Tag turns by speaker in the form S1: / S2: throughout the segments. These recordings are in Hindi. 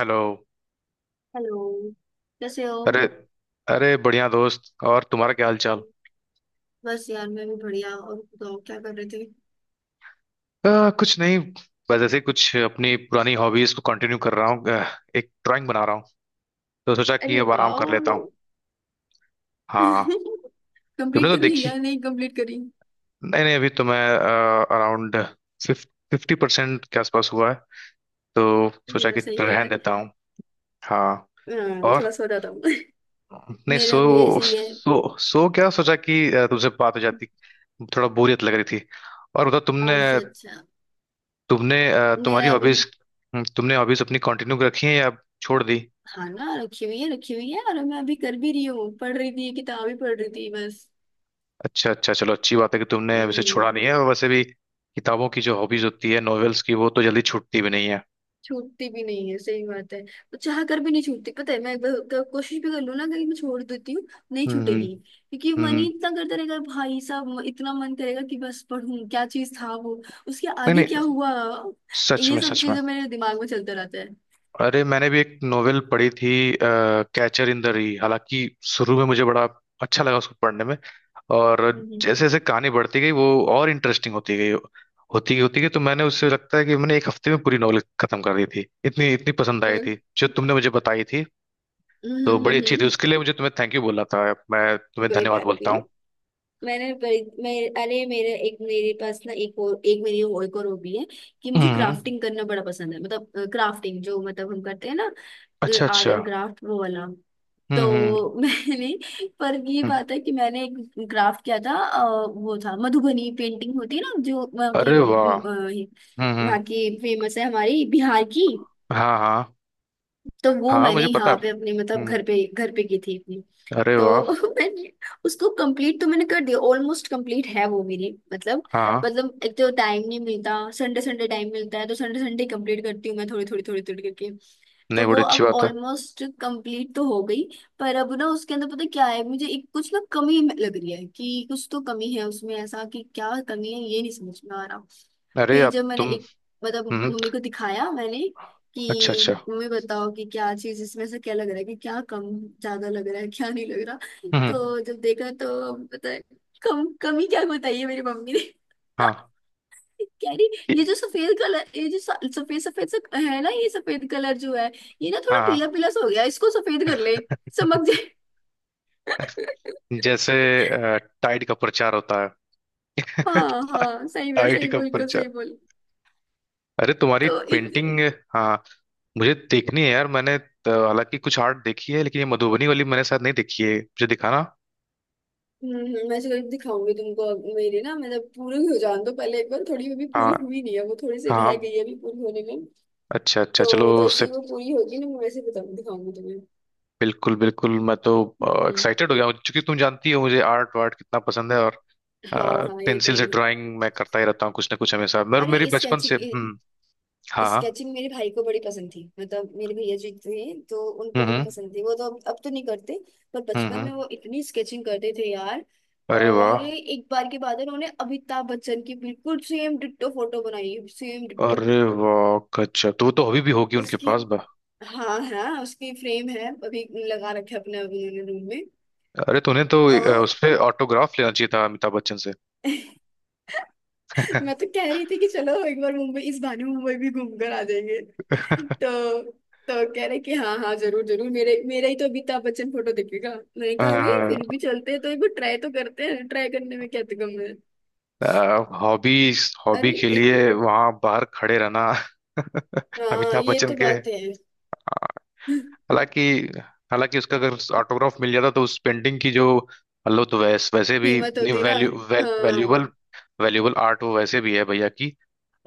S1: हेलो।
S2: हेलो। कैसे
S1: अरे,
S2: हो?
S1: अरे बढ़िया दोस्त। और तुम्हारा क्या हाल चाल?
S2: बस यार, मैं भी बढ़िया। और बताओ क्या कर रहे थे?
S1: कुछ नहीं। बस ऐसे ही कुछ अपनी पुरानी हॉबीज को कंटिन्यू कर रहा हूँ एक ड्राइंग बना रहा हूँ। तो सोचा कि
S2: अरे
S1: अब आराम कर लेता हूँ।
S2: वाह।
S1: हाँ। तुमने
S2: कंप्लीट
S1: तो
S2: कर ली या
S1: देखी।
S2: नहीं, कंप्लीट करी?
S1: नहीं, नहीं, अभी तो मैं अराउंड 50% के आसपास हुआ है। तो
S2: अरे
S1: सोचा कि
S2: वैसे ही है
S1: रहने
S2: यार।
S1: देता हूँ। हाँ। और।
S2: थोड़ा सो जाता हूँ।
S1: नहीं, सो
S2: मेरा भी ऐसे ही है।
S1: सो सो क्या सोचा कि तुमसे बात हो जाती। थोड़ा बोरियत लग रही थी। और बताओ तुमने।
S2: अच्छा, अच्छा।
S1: तुम्हारी
S2: मेरा भी।
S1: हॉबीज। तुमने हॉबीज अपनी कंटिन्यू रखी है या छोड़ दी?
S2: हाँ ना, रखी हुई है, रखी हुई है और मैं अभी कर भी रही हूँ, पढ़ रही थी, किताब ही पढ़ रही थी बस।
S1: अच्छा, अच्छा, चलो अच्छी बात है कि तुमने वैसे
S2: हम्म।
S1: छोड़ा नहीं है। और वैसे भी किताबों की जो हॉबीज होती है नॉवेल्स की, वो तो जल्दी छूटती भी नहीं है।
S2: छूटती भी नहीं है, सही बात है। वो चाह कर भी नहीं छूटती। पता है, मैं एक बार कोशिश भी कर लूँ ना, कहीं मैं छोड़ देती हूँ, नहीं
S1: हम्म, हम्म,
S2: छूटेगी। क्योंकि मन ही
S1: हम्म।
S2: इतना करता रहेगा भाई साहब, इतना मन करेगा कि बस पढ़ूं, क्या चीज था वो, उसके
S1: नहीं,
S2: आगे क्या
S1: नहीं।
S2: हुआ।
S1: सच
S2: ये
S1: में,
S2: सब
S1: सच में।
S2: चीजें मेरे दिमाग में चलता रहता है।
S1: अरे, मैंने भी एक नोवेल पढ़ी थी, कैचर इन द री। हालांकि शुरू में मुझे बड़ा अच्छा लगा उसको पढ़ने में। और
S2: हम्म,
S1: जैसे जैसे कहानी बढ़ती गई, वो और इंटरेस्टिंग होती गई, होती गई, होती गई। तो मैंने, उससे लगता है कि मैंने एक हफ्ते में पूरी नॉवेल खत्म कर दी थी। इतनी इतनी पसंद आई
S2: हम्म,
S1: थी जो तुमने मुझे बताई थी।
S2: हम्म,
S1: तो बड़ी अच्छी थी।
S2: हम्म।
S1: उसके लिए मुझे तुम्हें थैंक यू बोला था। मैं तुम्हें
S2: कोई
S1: धन्यवाद
S2: बात
S1: बोलता
S2: नहीं।
S1: हूँ।
S2: मैं, अरे मेरे एक मेरे पास ना, एक और एक, मेरी और एक और हॉबी है। कि मुझे
S1: हम्म।
S2: क्राफ्टिंग करना बड़ा पसंद है, मतलब क्राफ्टिंग जो मतलब हम करते हैं ना।
S1: अच्छा,
S2: आर्ट
S1: अच्छा।
S2: एंड क्राफ्ट, वो वाला।
S1: हम्म, हम्म,
S2: तो मैंने, पर ये
S1: हम्म।
S2: बात है कि मैंने एक ग्राफ किया था। वो था, मधुबनी पेंटिंग होती है ना, जो वहाँ की,
S1: अरे वाह। हम्म, हम्म।
S2: वहाँ की फेमस है, हमारी बिहार की।
S1: हाँ, हाँ।
S2: तो वो
S1: हाँ, हाँ,
S2: मैंने
S1: मुझे पता है।
S2: यहाँ पे अपने मतलब
S1: हम्म।
S2: घर पे की थी।
S1: अरे
S2: तो
S1: वाह।
S2: मैंने उसको कंप्लीट तो मैंने कर दिया, ऑलमोस्ट कंप्लीट है वो मेरी, मतलब,
S1: हाँ, हाँ।
S2: मतलब एक तो टाइम नहीं मिलता, संडे संडे टाइम मिलता है तो संडे संडे कंप्लीट करती हूँ मैं, थोड़ी थोड़ी थोड़ी थोड़ी करके। तो
S1: नहीं,
S2: वो
S1: बड़ी अच्छी
S2: अब
S1: बात है।
S2: ऑलमोस्ट कंप्लीट तो हो गई। पर अब ना उसके अंदर पता क्या है, मुझे एक कुछ ना कमी लग रही है, कि कुछ तो कमी है उसमें, ऐसा कि क्या कमी है ये नहीं समझ में आ रहा।
S1: अरे
S2: फिर
S1: आप,
S2: जब मैंने
S1: तुम।
S2: एक, मतलब
S1: हम्म।
S2: मम्मी को दिखाया मैंने,
S1: अच्छा,
S2: कि
S1: अच्छा।
S2: तुम्हें बताओ कि क्या चीज इसमें से क्या लग रहा है, कि क्या कम ज्यादा लग रहा है, क्या नहीं लग रहा।
S1: हम्म।
S2: तो जब देखा तो पता है, कम कमी क्या बताई है मेरी मम्मी ने।
S1: हाँ।
S2: कह रही, ये
S1: कि-
S2: जो सफेद कलर, ये जो सफेद सफेद सा है ना, ये सफेद कलर जो है, ये ना थोड़ा पीला
S1: हाँ।
S2: पीला सा हो गया, इसको सफेद कर ले, चमक जाए।
S1: जैसे टाइड का प्रचार होता है।
S2: हाँ, हाँ, सही है,
S1: टाइड
S2: सही
S1: का
S2: बिल्कुल सही
S1: प्रचार।
S2: बोल।
S1: अरे तुम्हारी
S2: तो इत,
S1: पेंटिंग। हाँ, मुझे देखनी है यार। मैंने तो हालांकि कुछ आर्ट देखी है, लेकिन ये मधुबनी वाली मैंने शायद नहीं देखी है। मुझे दिखाना।
S2: हम्म, मैं जरूर दिखाऊंगी तुमको, अब मेरी ना मतलब पूरी हो जान दो पहले एक बार, थोड़ी अभी
S1: हाँ,
S2: पूरी हुई नहीं है वो, थोड़ी सी रह
S1: हाँ।
S2: गई है अभी पूरी होने में।
S1: अच्छा, अच्छा, चलो
S2: तो जैसे
S1: उसे।
S2: ही वो पूरी होगी ना मैं, वैसे बताऊंगी, दिखाऊंगी तुम्हें।
S1: बिल्कुल, बिल्कुल, मैं तो
S2: हम्म।
S1: एक्साइटेड हो गया हूँ, क्योंकि तुम जानती हो मुझे आर्ट वार्ट कितना पसंद है। और
S2: हाँ, हाँ, ये तो
S1: पेंसिल
S2: है
S1: से
S2: ही।
S1: ड्राइंग मैं करता ही रहता हूँ, कुछ ना कुछ हमेशा, मेरे मेरी
S2: अरे
S1: बचपन से।
S2: स्केचिंग,
S1: हम्म। हाँ, हाँ,
S2: स्केचिंग मेरे भाई को बड़ी पसंद थी, मतलब मेरे भैया जी थे, तो उनको
S1: हम्म,
S2: बड़ी
S1: हम्म,
S2: पसंद थी, वो तो अब तो नहीं करते। पर
S1: हम्म,
S2: बचपन में वो इतनी स्केचिंग करते थे यार।
S1: अरे
S2: और
S1: वाह।
S2: एक बार के बाद उन्होंने अमिताभ बच्चन की बिल्कुल सेम डिट्टो फोटो बनाई, सेम डिट्टो।
S1: अरे वाह गजब। तो वो तो हॉबी भी होगी उनके
S2: उसकी,
S1: पास बा
S2: हाँ, हाँ, उसकी फ्रेम है अभी, लगा रखे अपने अभी उन्होंने रूम में।
S1: अरे तूने तो
S2: ओ।
S1: उस पे ऑटोग्राफ लेना चाहिए था अमिताभ बच्चन से।
S2: मैं तो कह रही थी कि चलो एक बार मुंबई इस बहाने मुंबई भी घूम कर आ जाएंगे। तो तो कह रहे कि हाँ, हाँ, जरूर, जरूर, मेरे मेरा ही तो अमिताभ बच्चन फोटो दिखेगा। मैंने कहा अरे फिर भी चलते हैं तो, एक बार ट्राई तो करते हैं, ट्राई करने में क्या गम है।
S1: हॉबी, हॉबी
S2: अरे
S1: के
S2: एक,
S1: लिए वहां बाहर खड़े रहना।
S2: हाँ
S1: अमिताभ
S2: ये
S1: बच्चन
S2: तो
S1: के।
S2: बात है।
S1: हालांकि, हालांकि उसका अगर ऑटोग्राफ मिल जाता तो उस पेंटिंग की जो, मतलब तो वैसे भी,
S2: कीमत होती ना। हाँ
S1: वैल्यूबल, वैल्यूबल आर्ट वो वैसे भी है भैया की।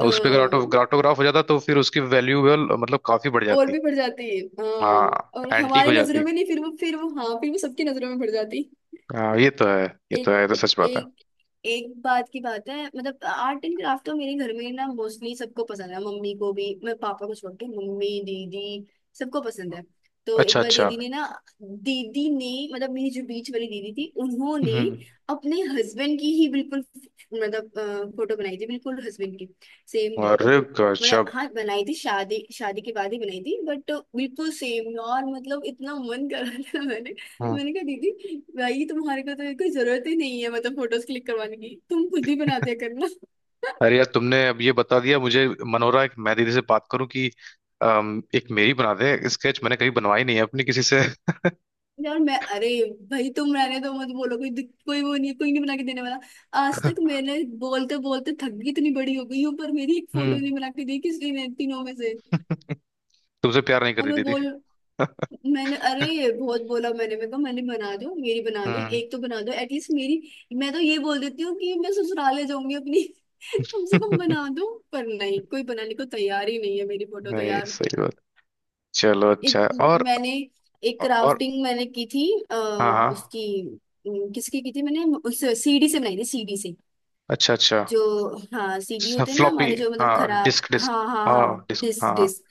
S1: और उस पे अगर
S2: हाँ।
S1: ऑटोग्राफ हो जाता तो फिर उसकी वैल्यूबल मतलब काफी बढ़
S2: और
S1: जाती।
S2: भी बढ़ जाती है। हाँ,
S1: हाँ,
S2: और
S1: एंटीक
S2: हमारी
S1: हो
S2: नजरों
S1: जाती।
S2: में नहीं, फिर वो हाँ फिर वो सबकी नजरों में बढ़ जाती।
S1: हाँ, ये तो है। ये तो
S2: एक
S1: है, ये तो सच बात है।
S2: एक एक बात की बात है मतलब, आर्ट एंड क्राफ्ट तो मेरे घर में ना मोस्टली सबको पसंद है, मम्मी को भी, मैं पापा को छोड़ के, मम्मी, दीदी, सबको पसंद है। तो एक
S1: अच्छा,
S2: बार
S1: अच्छा।
S2: दीदी ने ना, दीदी ने मतलब मेरी जो बीच वाली दीदी थी, उन्होंने
S1: हम्म।
S2: अपने हस्बैंड की ही बिल्कुल, मतलब, फोटो बनाई थी बिल्कुल हस्बैंड की, सेम डिट्टो।
S1: अरे
S2: मतलब
S1: गजब।
S2: हाँ, बनाई थी, शादी शादी के बाद ही बनाई थी बट, बिल्कुल सेम यार, मतलब इतना मन कर रहा था मैंने।
S1: हम्म।
S2: मैंने कहा दीदी, भाई तुम्हारे को तो कोई जरूरत ही नहीं है मतलब फोटोज क्लिक करवाने की, तुम खुद ही बनाते करना।
S1: अरे यार, तुमने अब ये बता दिया मुझे। मन हो रहा है कि मैं दीदी से बात करूं कि एक मेरी बना दे स्केच। मैंने कभी बनवाई नहीं है अपनी किसी से।
S2: यार मैं, अरे भाई तुम रहने दो, मत बोलो, कोई वो नहीं, कोई नहीं बना के देने वाला। आज तक मैंने, बोलते बोलते थक गई, इतनी बड़ी हो गई हूँ, पर मेरी एक फोटो
S1: हम्म।
S2: नहीं बना के दी किसी ने तीनों में से।
S1: तुमसे प्यार नहीं
S2: और
S1: करती
S2: मैं
S1: दीदी।
S2: बोल, मैंने, अरे बहुत बोला मैंने, मैं कहा मैंने, बना दो मेरी, बना दो
S1: हम्म।
S2: एक तो, बना दो एटलीस्ट मेरी। मैं तो ये बोल देती हूँ कि मैं ससुराल ले जाऊंगी अपनी, कम से कम बना दो, पर नहीं कोई बनाने को तैयार ही नहीं है मेरी फोटो तो
S1: नहीं,
S2: यार।
S1: सही बात। चलो अच्छा है।
S2: एक,
S1: और।
S2: मैंने, एक
S1: और।
S2: क्राफ्टिंग मैंने की थी। आ,
S1: हाँ, हाँ।
S2: उसकी, किसकी की थी मैंने, उस सीडी से बनाई थी, सीडी से,
S1: अच्छा, अच्छा।
S2: जो, हाँ सीडी होते हैं ना
S1: फ्लॉपी।
S2: हमारे जो मतलब
S1: हाँ,
S2: खराब,
S1: डिस्क, डिस्क।
S2: हाँ, हाँ, हाँ,
S1: हाँ, डिस्क,
S2: डिस्क,
S1: हाँ, हाँ।
S2: डिस्क।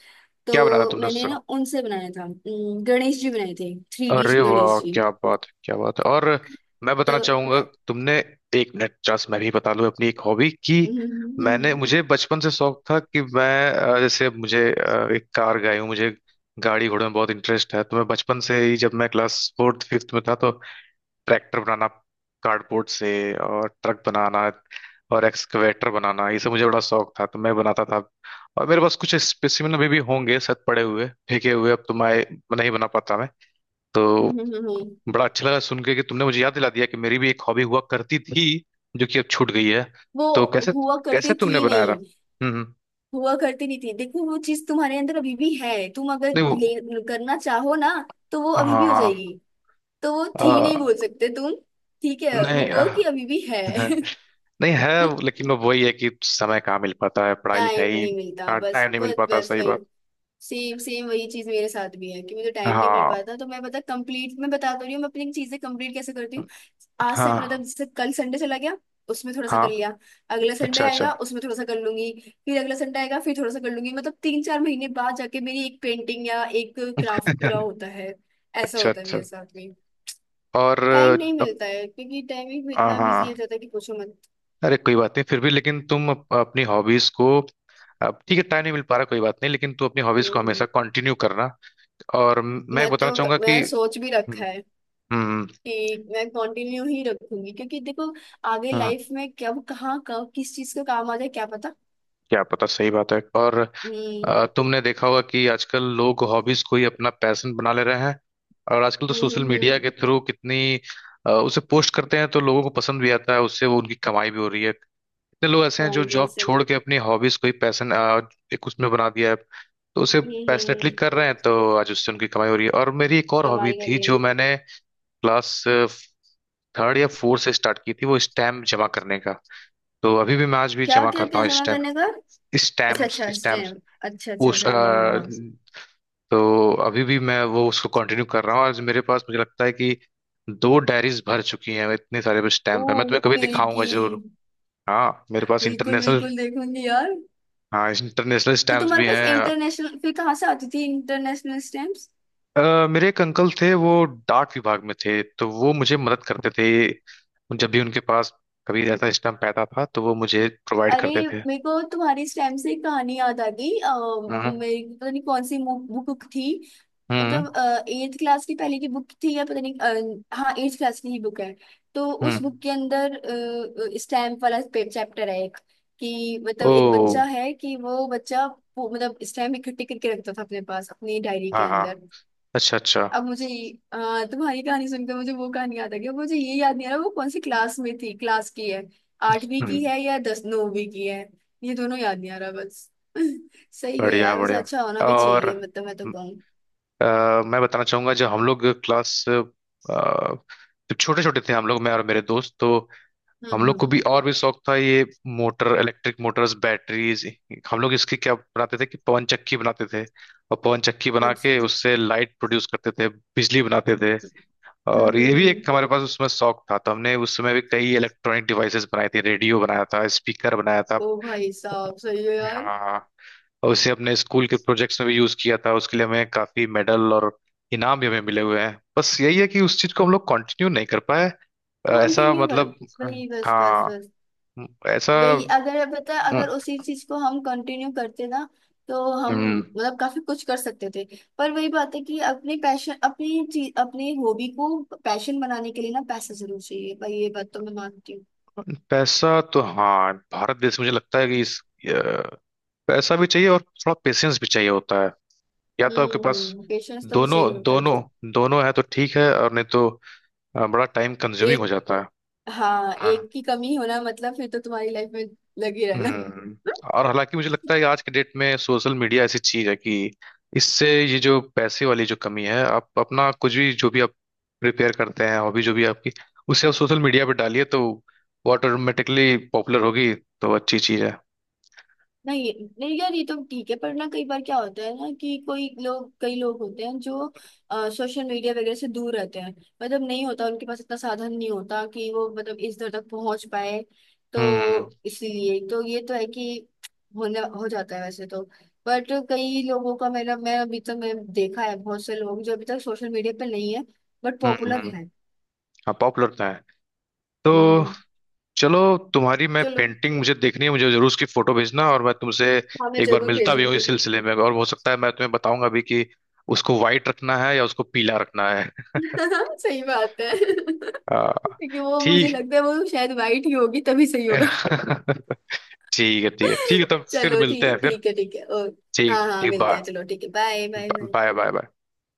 S1: क्या बनाया था
S2: तो
S1: तुमने
S2: मैंने
S1: उससे?
S2: ना उनसे बनाया था, गणेश जी बनाए थे, 3D
S1: अरे वाह,
S2: गणेश जी।
S1: क्या बात है, क्या बात है। और मैं
S2: तो
S1: बताना चाहूंगा। तुमने, एक मिनट, चांस मैं भी बता लूं अपनी एक हॉबी कि मैंने मुझे बचपन से शौक था कि मैं, जैसे मुझे, एक कार गाड़ी हूँ, मुझे गाड़ी घोड़े में बहुत इंटरेस्ट है। तो मैं बचपन से ही जब मैं क्लास फोर्थ फिफ्थ में था, तो ट्रैक्टर बनाना कार्डबोर्ड से, और ट्रक बनाना, और एक्सकवेटर बनाना, ये सब मुझे बड़ा शौक था। तो मैं बनाता था। और मेरे पास कुछ स्पेसिमेन अभी भी होंगे शायद, पड़े हुए फेंके हुए। अब तो मैं नहीं बना पाता मैं। तो बड़ा अच्छा लगा सुन के कि तुमने मुझे याद दिला दिया कि मेरी भी एक हॉबी हुआ करती थी, जो कि अब छूट गई है।
S2: वो
S1: तो कैसे,
S2: हुआ करती
S1: कैसे तुमने
S2: थी
S1: बनाया था?
S2: नहीं,
S1: हम्म,
S2: हुआ करती नहीं थी, देखो वो चीज तुम्हारे अंदर अभी भी है, तुम अगर
S1: नहीं, वो,
S2: ले, करना चाहो ना तो वो अभी भी हो
S1: हाँ,
S2: जाएगी। तो वो थी नहीं
S1: आ,
S2: बोल सकते तुम, ठीक है वो
S1: नहीं,
S2: कहो कि अभी भी है।
S1: आ, नहीं है। लेकिन वो वही है कि समय कहाँ मिल पाता है, पढ़ाई
S2: टाइम
S1: लिखाई।
S2: नहीं मिलता, बस,
S1: टाइम नहीं मिल
S2: बस,
S1: पाता,
S2: बस
S1: सही बात।
S2: वही। सेम सेम वही चीज मेरे साथ भी है कि मुझे टाइम नहीं मिल
S1: हाँ,
S2: पाता, तो मैं पता, कंप्लीट, मैं बता तो रही हूँ मैं अपनी चीजें कंप्लीट कैसे करती हूँ। आज मतलब
S1: हाँ,
S2: जैसे कल संडे चला गया, उसमें थोड़ा सा
S1: हाँ।
S2: कर लिया। अगला संडे
S1: अच्छा,
S2: आएगा,
S1: अच्छा।
S2: उसमें थोड़ा सा कर लूंगी। फिर अगला संडे आएगा, फिर थोड़ा सा कर लूंगी, मतलब 3-4 महीने बाद जाके मेरी एक पेंटिंग या एक क्राफ्ट पूरा होता है। ऐसा
S1: अच्छा,
S2: होता है
S1: अच्छा।
S2: मेरे साथ में।
S1: और
S2: टाइम नहीं मिलता
S1: अप-
S2: है क्योंकि टाइमिंग भी
S1: हाँ,
S2: इतना बिजी हो
S1: हाँ।
S2: जाता है कि पूछो मत।
S1: अरे कोई बात नहीं। फिर भी लेकिन तुम अपनी हॉबीज को, अब ठीक है, टाइम नहीं मिल पा रहा, कोई बात नहीं, लेकिन तुम अपनी हॉबीज को
S2: हम्म,
S1: हमेशा कंटिन्यू करना। और मैं
S2: मैं
S1: बताना
S2: तो,
S1: चाहूंगा कि,
S2: मैं सोच भी
S1: हम्म,
S2: रखा है
S1: हम्म,
S2: कि मैं कंटिन्यू ही रखूंगी क्योंकि देखो, आगे
S1: हम्म।
S2: लाइफ में कब, कहाँ, कब किस चीज का काम आ जाए क्या पता।
S1: क्या पता, सही बात है। और
S2: हम्म,
S1: तुमने देखा होगा कि आजकल लोग हॉबीज को ही अपना पैशन बना ले रहे हैं। और आजकल तो
S2: hmm,
S1: social
S2: hmm,
S1: media
S2: hmm.
S1: के थ्रू कितनी उसे पोस्ट करते हैं तो लोगों को पसंद भी आता है, उससे वो उनकी कमाई भी हो रही है। कितने लोग ऐसे हैं जो
S2: कमाई बड़ी
S1: जॉब
S2: सही।
S1: छोड़ के अपनी हॉबीज को ही पैशन एक उसमें बना दिया है। तो उसे
S2: हम्म, हम्म,
S1: पैशनेटली कर रहे हैं, तो आज उससे उनकी कमाई हो रही है। और मेरी एक और हॉबी
S2: कमाई
S1: थी
S2: करी है।
S1: जो मैंने क्लास थर्ड या फोर्थ से स्टार्ट की थी, वो स्टैम्प जमा करने का। तो अभी भी मैं आज भी
S2: क्या,
S1: जमा
S2: क्या,
S1: करता
S2: क्या
S1: हूँ
S2: जमा
S1: स्टैम्प,
S2: करने का? अच्छा,
S1: स्टैम्प्स
S2: अच्छा,
S1: स्टैम्प्स
S2: स्टैम्प, अच्छा, अच्छा,
S1: उस
S2: अच्छा,
S1: अ,
S2: हाँ, हाँ, हाँ।
S1: तो अभी भी मैं वो उसको कंटिन्यू कर रहा हूँ, और मेरे पास मुझे लगता है कि दो डायरीज भर चुकी हैं, इतने सारे
S2: ओ
S1: स्टैम्प है। मैं तुम्हें कभी
S2: तेरी
S1: दिखाऊंगा
S2: की।
S1: जरूर। हाँ, मेरे पास
S2: बिल्कुल,
S1: इंटरनेशनल,
S2: बिल्कुल, देखूंगी यार।
S1: हाँ इंटरनेशनल
S2: तो
S1: स्टैम्प्स
S2: तुम्हारे
S1: भी
S2: पास
S1: हैं।
S2: इंटरनेशनल, फिर कहाँ से आती थी इंटरनेशनल स्टैम्प्स?
S1: मेरे एक अंकल थे, वो डाक विभाग में थे, तो वो मुझे मदद करते थे। जब भी उनके पास कभी ऐसा स्टैम्प पैदा था, तो वो मुझे प्रोवाइड
S2: अरे
S1: करते थे।
S2: मेरे को तुम्हारी स्लैम से एक कहानी याद आ गई।
S1: हम्म,
S2: मेरी पता नहीं कौन सी बुक थी,
S1: हम्म,
S2: मतलब एट्थ क्लास की पहले की बुक थी या पता नहीं। हाँ एट्थ क्लास की ही बुक है। तो उस
S1: हम्म।
S2: बुक के अंदर स्टैम्प वाला चैप्टर है एक, कि मतलब
S1: ओ।
S2: एक बच्चा है कि वो बच्चा, वो, मतलब स्टैम्प इकट्ठे करके रखता था अपने पास, अपनी डायरी के
S1: हाँ, हाँ।
S2: अंदर।
S1: अच्छा, अच्छा।
S2: अब मुझे ये, तुम्हारी कहानी सुनकर मुझे वो कहानी याद आ गया, मुझे ये याद नहीं आ रहा वो कौन सी क्लास में थी, क्लास की है, आठवीं की
S1: हम्म।
S2: है या दस, नौवीं की है, ये दोनों याद नहीं आ रहा बस। सही है
S1: बढ़िया,
S2: यार, वैसे
S1: बढ़िया।
S2: अच्छा होना भी
S1: और
S2: चाहिए मतलब, मैं तो कहूँ।
S1: अ, मैं बताना चाहूंगा, जब हम लोग क्लास, जब छोटे छोटे थे हम लोग, मैं और मेरे दोस्त, तो हम
S2: हम्म,
S1: लोग को
S2: हम्म,
S1: भी और भी शौक था ये मोटर, इलेक्ट्रिक मोटर्स, बैटरीज। हम लोग इसकी क्या बनाते थे कि पवन चक्की बनाते थे, और पवन चक्की बना के
S2: अच्छा,
S1: उससे लाइट प्रोड्यूस करते थे, बिजली बनाते थे।
S2: हम्म,
S1: और
S2: हम्म,
S1: ये भी एक हमारे पास उसमें शौक था। तो हमने उस समय भी कई इलेक्ट्रॉनिक डिवाइसेस बनाए थे, रेडियो बनाया था, स्पीकर बनाया था।
S2: ओ भाई साहब सही है यार।
S1: हाँ। और उसे अपने स्कूल के प्रोजेक्ट्स में भी यूज किया था। उसके लिए हमें काफी मेडल और इनाम भी हमें मिले हुए हैं। बस यही है कि उस चीज को हम लोग कंटिन्यू नहीं कर पाए। ऐसा
S2: कंटिन्यू कर,
S1: मतलब,
S2: वही, बस, बस,
S1: हाँ,
S2: बस
S1: ऐसा,
S2: वही, अगर पता है,
S1: अम,
S2: अगर उसी चीज को हम कंटिन्यू करते ना, तो हम
S1: अम,
S2: मतलब काफी कुछ कर सकते थे। पर वही बात है कि अपने पैशन, अपनी चीज, अपने हॉबी को पैशन बनाने के लिए ना पैसा जरूर चाहिए भाई, ये बात तो मैं मानती हूँ।
S1: पैसा तो हाँ, भारत देश में मुझे लगता है कि इस, अ, पैसा भी चाहिए और थोड़ा पेशेंस भी चाहिए होता है। या तो आपके
S2: हम्म,
S1: पास
S2: हम्म, पेशेंस तो भी
S1: दोनों,
S2: चाहिए होता है।
S1: दोनों, दोनों है तो ठीक है, और नहीं तो बड़ा टाइम कंज्यूमिंग हो
S2: एक,
S1: जाता
S2: हाँ
S1: है।
S2: एक की कमी होना मतलब फिर तो तुम्हारी लाइफ में लगी रहना।
S1: हम्म। और हालांकि मुझे लगता है कि आज के डेट में सोशल मीडिया ऐसी चीज है कि इससे, ये जो पैसे वाली जो कमी है, आप अपना कुछ भी, जो भी आप प्रिपेयर करते हैं हॉबी जो भी आपकी, उसे आप सोशल मीडिया पर डालिए, तो वो ऑटोमेटिकली पॉपुलर होगी। तो अच्छी चीज है।
S2: नहीं, नहीं यार ये तो ठीक है, पर ना कई बार क्या होता है ना, कि कोई लोग, कई लोग होते हैं जो सोशल मीडिया वगैरह से दूर रहते हैं। मतलब नहीं होता, उनके पास इतना साधन नहीं होता कि वो मतलब इस दर तक पहुंच पाए।
S1: हम्म,
S2: तो इसीलिए तो ये तो है कि होने हो जाता है वैसे तो। बट कई लोगों का मेरा, मैं अभी तक मैं देखा है बहुत से लोग जो अभी तक सोशल मीडिया पे नहीं है, बट
S1: हम्म,
S2: पॉपुलर
S1: हम्म।
S2: है।
S1: हाँ, पॉपुलर तो है। तो
S2: हम्म।
S1: चलो, तुम्हारी मैं
S2: चलो,
S1: पेंटिंग मुझे देखनी है, मुझे जरूर उसकी फोटो भेजना, और मैं तुमसे
S2: हाँ मैं
S1: एक बार
S2: जरूर
S1: मिलता भी हूँ
S2: भेजूंगी।
S1: इस सिलसिले में। और हो सकता है मैं तुम्हें बताऊंगा भी कि उसको व्हाइट रखना है या उसको पीला रखना है।
S2: सही बात है। क्योंकि
S1: आ,
S2: वो मुझे
S1: ठीक।
S2: लगता है वो शायद वाइट ही होगी तभी सही होगा।
S1: ठीक है, ठीक है, ठीक है। तब फिर
S2: चलो
S1: मिलते हैं
S2: ठीक,
S1: फिर।
S2: ठीक है, ठीक है। और
S1: ठीक,
S2: हाँ, हाँ,
S1: ठीक,
S2: मिलते हैं,
S1: बाय।
S2: चलो ठीक है, bye, bye, bye.
S1: Bye, bye, bye.